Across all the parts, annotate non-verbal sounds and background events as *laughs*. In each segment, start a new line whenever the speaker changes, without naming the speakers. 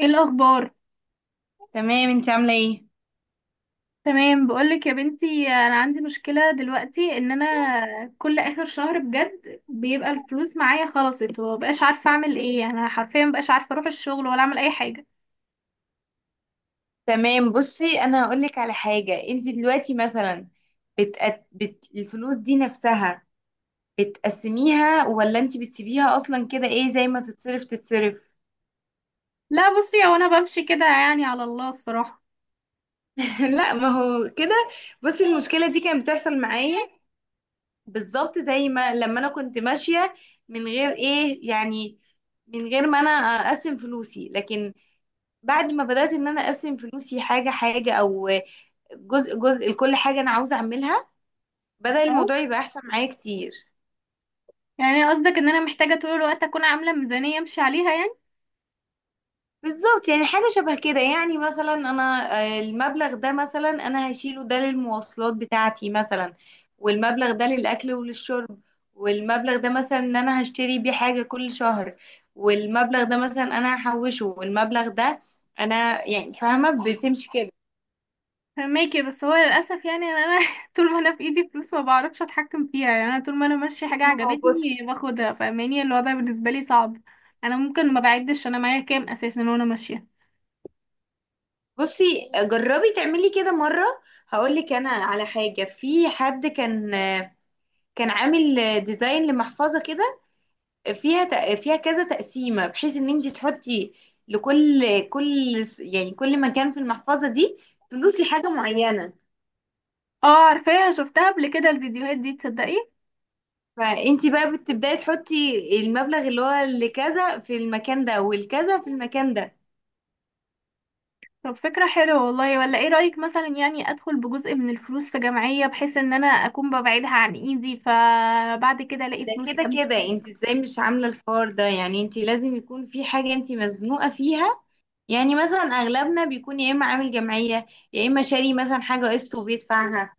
ايه الاخبار؟
تمام، انت عامله ايه؟
تمام. بقولك يا بنتي، انا عندي مشكله دلوقتي ان انا كل اخر شهر بجد بيبقى الفلوس معايا خلصت ومبقاش عارفه اعمل ايه. انا حرفيا مبقاش عارفه اروح الشغل ولا اعمل اي حاجه.
تمام، بصي انا هقول لك على حاجه. انت دلوقتي مثلا الفلوس دي نفسها بتقسميها ولا انت بتسيبيها اصلا؟ كده ايه زي ما تتصرف تتصرف.
لا بصي، هو انا بمشي كده يعني على الله الصراحه.
*laughs* لا ما هو كده، بصي المشكله دي كانت بتحصل معايا بالظبط زي ما لما انا كنت ماشيه من غير ايه يعني، من غير ما انا اقسم فلوسي. لكن بعد ما بدات ان انا اقسم فلوسي حاجه حاجه او جزء جزء لكل حاجه انا عاوزه اعملها، بدأ الموضوع
اه،
يبقى احسن معايا كتير.
يعني قصدك ان انا محتاجه طول الوقت اكون عامله ميزانيه امشي عليها؟
بالظبط، يعني حاجة شبه كده. يعني مثلا انا المبلغ ده مثلا انا هشيله ده للمواصلات بتاعتي مثلا، والمبلغ ده للاكل وللشرب، والمبلغ ده مثلا ان انا هشتري بيه حاجة كل شهر، والمبلغ ده مثلا انا هحوشه، والمبلغ ده انا يعني فاهمة بتمشي كده.
فهماكي، بس هو للاسف يعني انا *laughs* طول ما انا في ايدي فلوس ما بعرفش اتحكم فيها. يعني انا طول ما انا ماشيه حاجه
ما هو بصي،
عجبتني باخدها. فاهماني؟ الوضع بالنسبه لي صعب. انا ممكن ما بعدش انا معايا كام اساسا وانا ماشيه.
بصي جربي تعملي كده مرة. هقولك انا على حاجة، في حد كان كان عامل ديزاين لمحفظة كده فيها فيها كذا تقسيمة بحيث ان انت تحطي لكل كل يعني كل مكان في المحفظة دي فلوس لحاجة معينة.
اه عارفاها، شفتها قبل كده الفيديوهات دي، تصدقي.
فانت بقى بتبداي تحطي المبلغ اللي هو لكذا في المكان ده، والكذا في المكان ده.
طب فكره حلوه والله، ولا ايه رايك مثلا يعني ادخل بجزء من الفلوس في جمعيه بحيث ان انا اكون ببعدها عن ايدي، فبعد كده الاقي
ده
فلوس
كده
امشي.
كده انت ازاي مش عاملة الحوار ده؟ يعني انت لازم يكون في حاجة انت مزنوقة فيها. يعني مثلا اغلبنا بيكون يا اما عامل جمعية، يا اما شاري مثلا حاجة قسط وبيدفعها.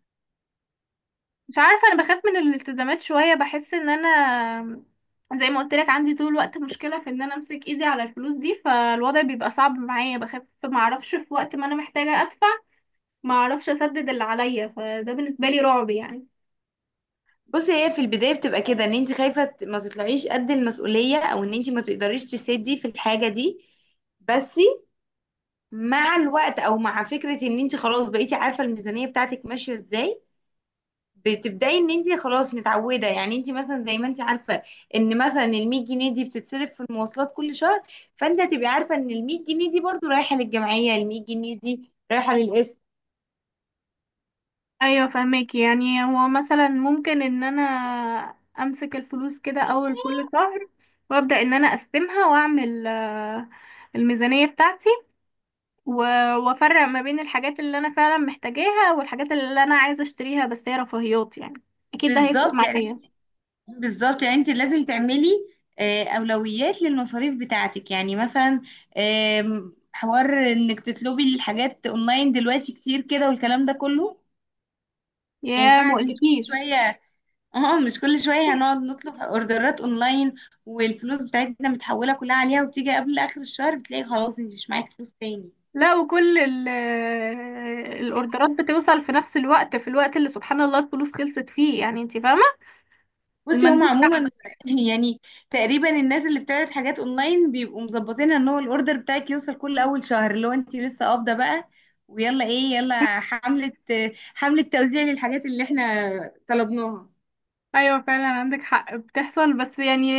مش عارفة، انا بخاف من الالتزامات شوية. بحس ان انا زي ما قلت لك عندي طول الوقت مشكلة في ان انا امسك ايدي على الفلوس دي، فالوضع بيبقى صعب معايا. بخاف ما اعرفش في وقت ما انا محتاجة ادفع، ما اعرفش اسدد اللي عليا. فده بالنسبة لي رعب يعني.
بصي هي في البداية بتبقى كده، ان انت خايفة ما تطلعيش قد المسؤولية او ان انت ما تقدريش تسدي في الحاجة دي. بس مع الوقت، او مع فكرة ان انت خلاص بقيتي عارفة الميزانية بتاعتك ماشية ازاي، بتبدأي ان انت خلاص متعودة. يعني انت مثلا زي ما انت عارفة ان مثلا ال 100 جنيه دي بتتصرف في المواصلات كل شهر، فانت هتبقي عارفة ان ال 100 جنيه دي برضو رايحة للجمعية، ال 100 جنيه دي رايحة للقسم.
ايوه فهمك، يعني هو مثلا ممكن ان انا امسك الفلوس كده اول كل شهر وابدأ ان انا اقسمها واعمل الميزانية بتاعتي و- وافرق ما بين الحاجات اللي انا فعلا محتاجاها والحاجات اللي انا عايزه اشتريها بس هي رفاهيات يعني. اكيد ده هيفرق
بالظبط يعني
معايا.
بالظبط يعني انت لازم تعملي اولويات للمصاريف بتاعتك. يعني مثلا حوار انك تطلبي الحاجات اونلاين دلوقتي كتير كده والكلام ده كله. ما
يا ما
ينفعش مش كل
اقولكيش.
شويه. *laughs* اه مش كل شويه هنقعد نطلب اوردرات اونلاين، والفلوس بتاعتنا متحوله كلها عليها، وبتيجي قبل اخر الشهر بتلاقي خلاص انت مش معاكي فلوس تاني.
لا، وكل الاوردرات بتوصل في نفس الوقت، في الوقت اللي سبحان الله الفلوس خلصت فيه، يعني انت فاهمه.
بصي هم
المندوب تحت.
عموما *laughs* يعني تقريبا الناس اللي بتعرض حاجات اونلاين بيبقوا مظبطين ان هو الاوردر بتاعك يوصل كل اول شهر اللي هو انت لسه قابضه بقى، ويلا ايه يلا حملة. *laughs* حملة توزيع للحاجات اللي احنا طلبناها.
ايوه فعلا عندك حق بتحصل، بس يعني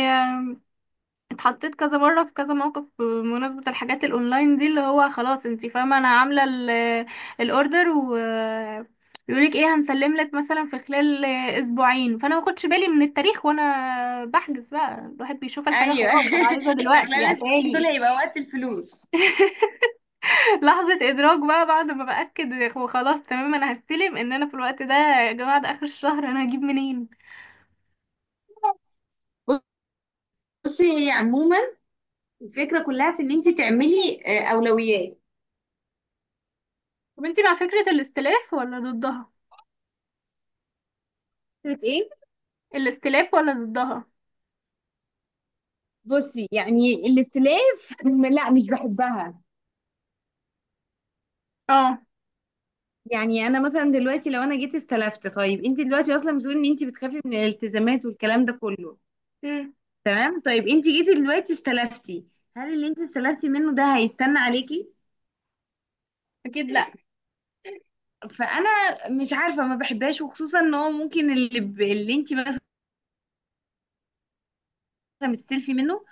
اتحطيت كذا مرة في كذا موقف بمناسبة الحاجات الاونلاين دي، اللي هو خلاص انتي فاهمة انا عاملة الاوردر بيقولك ايه، هنسلم لك مثلا في خلال اسبوعين، فانا ما باخدش بالي من التاريخ وانا بحجز بقى. الواحد بيشوف الحاجة
ايوه.
خلاص انا
*laughs*
عايزة دلوقتي
فخلال
يا
الاسبوعين دول
اتالي.
هيبقى وقت الفلوس.
*laughs* لحظة ادراك بقى بعد ما باكد وخلاص، تمام انا هستلم ان انا في الوقت ده. يا جماعة ده اخر الشهر انا هجيب منين؟
بصي هي عموما الفكرة كلها في ان انت تعملي اولويات.
طب انتي مع فكرة الاستلاف ولا ضدها؟
فكرة ايه؟
الاستلاف ولا ضدها؟
بصي يعني الاستلاف، لا مش بحبها.
اه.
يعني انا مثلا دلوقتي لو انا جيت استلفت، طيب انت دلوقتي اصلا بتقولي ان انت بتخافي من الالتزامات والكلام ده كله.
امم.
تمام، طيب انت جيتي دلوقتي استلفتي، هل اللي انت استلفتي منه ده هيستنى عليكي؟
اكيد لا.
فانا مش عارفه، ما بحبهاش. وخصوصا ان هو ممكن اللي اللي انت مثلا بتستلفي منه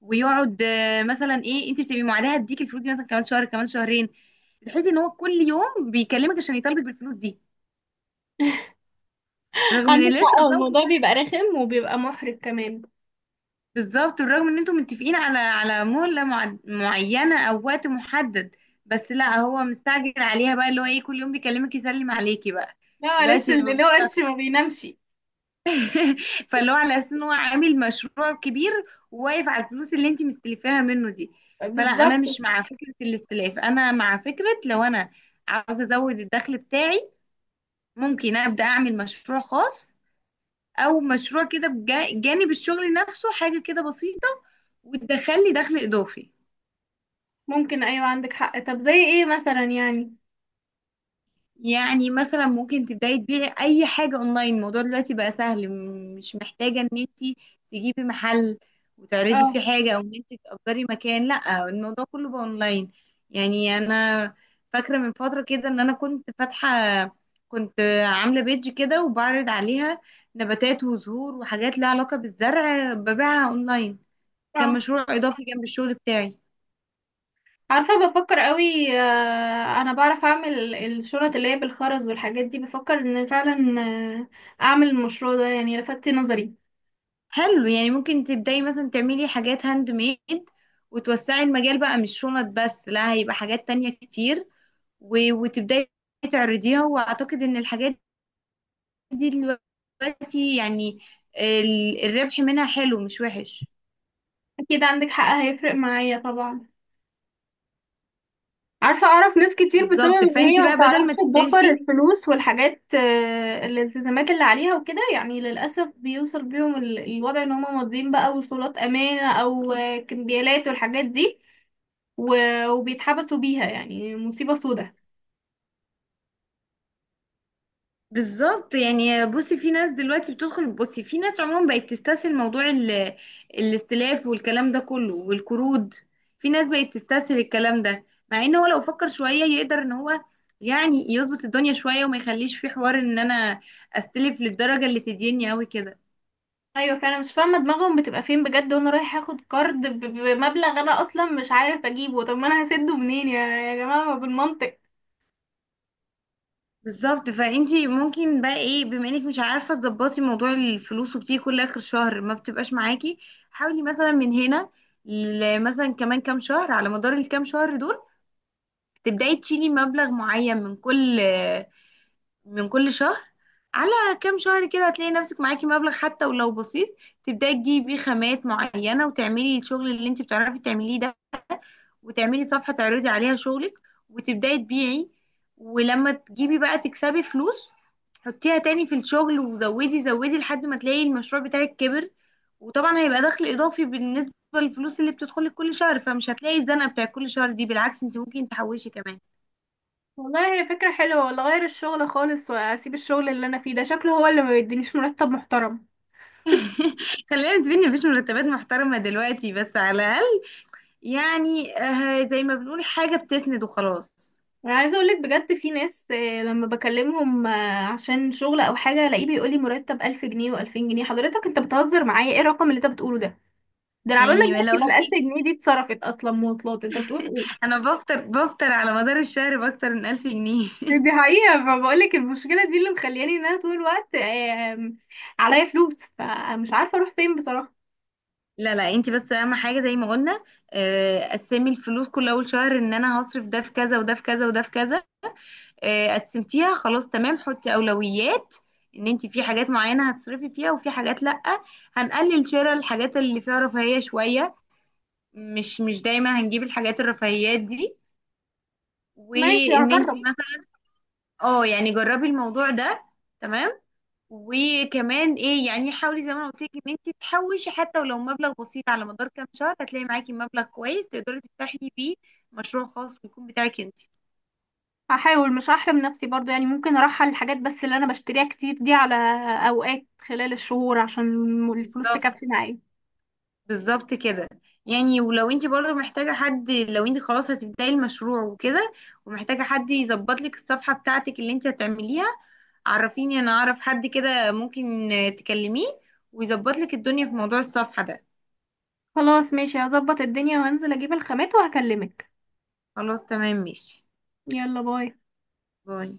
ويقعد مثلا ايه انت بتبقي معادها هديك الفلوس دي مثلا كمان شهر كمان شهرين، بتحسي ان هو كل يوم بيكلمك عشان يطالبك بالفلوس دي رغم
عندك
ان لسه
حق، هو
قدامك.
الموضوع بيبقى رخم وبيبقى محرج كمان.
بالظبط، بالرغم ان انتم متفقين على على مهلة معينة او وقت محدد، بس لا هو مستعجل عليها بقى، اللي هو ايه، كل يوم بيكلمك يسلم عليكي بقى.
لا معلش،
دلوقتي
اللي
ببقى
له قرش
مستغربة.
ما بينامش.
*laughs* فاللي هو على اساس ان هو عامل مشروع كبير وواقف على الفلوس اللي انت مستلفاها منه دي. فلا، انا
بالظبط.
مش مع فكرة الاستلاف. انا مع فكرة لو انا عاوزة ازود الدخل بتاعي، ممكن ابدا اعمل مشروع خاص، او مشروع كده بجانب الشغل نفسه، حاجة كده بسيطة وتدخل لي دخل اضافي.
ممكن، ايوه عندك حق. طب زي ايه مثلا يعني؟
يعني مثلا ممكن تبداي تبيعي اي حاجه اونلاين. الموضوع دلوقتي بقى سهل، مش محتاجه ان انت تجيبي محل وتعرضي فيه
اه.
حاجه، او ان انت تاجري مكان. لا، الموضوع كله بقى اونلاين. يعني انا فاكره من فتره كده ان انا كنت فاتحه، كنت عامله بيج كده، وبعرض عليها نباتات وزهور وحاجات لها علاقه بالزرع، ببيعها اونلاين.
اه
كان مشروع اضافي جنب الشغل بتاعي.
عارفه، بفكر قوي. آه انا بعرف اعمل الشنط اللي هي بالخرز والحاجات دي. بفكر ان فعلا آه اعمل المشروع ده، يعني لفتي نظري.
حلو، يعني ممكن تبدأي مثلا تعملي حاجات هاند ميد وتوسعي المجال بقى، مش شنط بس، لا هيبقى حاجات تانية كتير، وتبدأي تعرضيها. وأعتقد إن الحاجات دي دلوقتي يعني الربح منها حلو مش وحش.
اكيد عندك حق، هيفرق معايا طبعا. عارفة، أعرف ناس كتير بسبب
بالظبط،
إن هي
فانتي
ما
بقى بدل
بتعرفش
ما
تدبر
تستلفي.
الفلوس والحاجات، الالتزامات اللي عليها وكده، يعني للأسف بيوصل بيهم الوضع إن هما ماضيين بقى وصولات أمانة أو كمبيالات والحاجات دي وبيتحبسوا بيها، يعني مصيبة سودة.
بالظبط يعني، بصي في ناس دلوقتي بتدخل، بصي في ناس عموما بقت تستسهل موضوع الاستلاف والكلام ده كله والقروض. في ناس بقت تستسهل الكلام ده، مع ان هو لو فكر شوية يقدر ان هو يعني يظبط الدنيا شوية وما يخليش في حوار ان انا استلف للدرجة اللي تديني قوي كده.
أيوة، فأنا مش فاهمة دماغهم بتبقى فين بجد. وأنا رايح أخد كارد بمبلغ أنا أصلا مش عارف أجيبه، طب ما أنا هسده منين يا جماعة؟ ما بالمنطق.
بالظبط، فانتي ممكن بقى ايه، بما انك مش عارفة تظبطي موضوع الفلوس وبتيجي كل اخر شهر ما بتبقاش معاكي، حاولي مثلا من هنا مثلا كمان كام شهر، على مدار الكام شهر دول تبدأي تشيلي مبلغ معين من كل من كل شهر. على كام شهر كده هتلاقي نفسك معاكي مبلغ حتى ولو بسيط، تبدأي تجيبي بيه خامات معينة وتعملي الشغل اللي انت بتعرفي تعمليه ده، وتعملي صفحة تعرضي عليها شغلك وتبدأي تبيعي. ولما تجيبي بقى تكسبي فلوس، حطيها تاني في الشغل، وزودي زودي لحد ما تلاقي المشروع بتاعك كبر. وطبعا هيبقى دخل إضافي بالنسبة للفلوس اللي بتدخلك كل شهر، فمش هتلاقي الزنقة بتاع كل شهر دي، بالعكس انت ممكن تحوشي كمان.
والله هي فكرة حلوة، ولا غير الشغل خالص وأسيب الشغل اللي أنا فيه ده، شكله هو اللي ما بيدينيش مرتب محترم.
*laughs* خلينا نتفق مفيش مرتبات محترمة دلوقتي، بس على الأقل يعني زي ما بنقول حاجة بتسند وخلاص.
انا عايزه اقولك بجد، في ناس لما بكلمهم عشان شغل او حاجه، الاقيه بيقولي مرتب 1000 جنيه و2000 جنيه. حضرتك انت بتهزر معايا؟ ايه الرقم اللي انت بتقوله ده؟ ده انا عبال ما
يعني
اجيلك
لو
يبقى
انت،
ال 1000 جنيه دي اتصرفت اصلا مواصلات، انت بتقول ايه؟
انا بفطر على مدار الشهر باكتر من 1000 جنيه.
دي
*laughs*
حقيقه. فبقولك المشكله دي اللي مخلياني ان انا طول الوقت عليا فلوس، فمش عارفه اروح فين بصراحه.
لا لا، انت بس اهم حاجة زي ما قلنا، قسمي الفلوس كل اول شهر، ان انا هصرف ده في كذا وده في كذا وده في كذا. قسمتيها خلاص، تمام، حطي اولويات ان انت في حاجات معينة هتصرفي فيها وفي حاجات لأ، هنقلل شراء الحاجات اللي فيها رفاهية شوية. مش مش دايما هنجيب الحاجات الرفاهيات دي.
ماشي،
وان انت
هجرب.
مثلا، اه يعني جربي الموضوع ده. تمام. وكمان ايه يعني، حاولي زي ما انا قلت لك ان انت تحوشي حتى ولو مبلغ بسيط، على مدار كام شهر هتلاقي معاكي مبلغ كويس تقدري تفتحي بيه مشروع خاص ويكون بتاعك انت.
هحاول مش هحرم نفسي برضو يعني، ممكن ارحل الحاجات بس اللي انا بشتريها كتير دي على اوقات خلال الشهور عشان الفلوس
بالظبط،
تكفي معايا.
بالظبط كده. يعني ولو انت برضه محتاجه حد، لو انت خلاص هتبداي المشروع وكده ومحتاجه حد يظبط لك الصفحه بتاعتك اللي انت هتعمليها، عرفيني، انا اعرف حد كده ممكن تكلميه ويظبط لك الدنيا في موضوع الصفحة ده.
خلاص ماشي، هظبط الدنيا وهنزل اجيب الخامات وهكلمك.
خلاص تمام، ماشي.
يلا باي.
باي.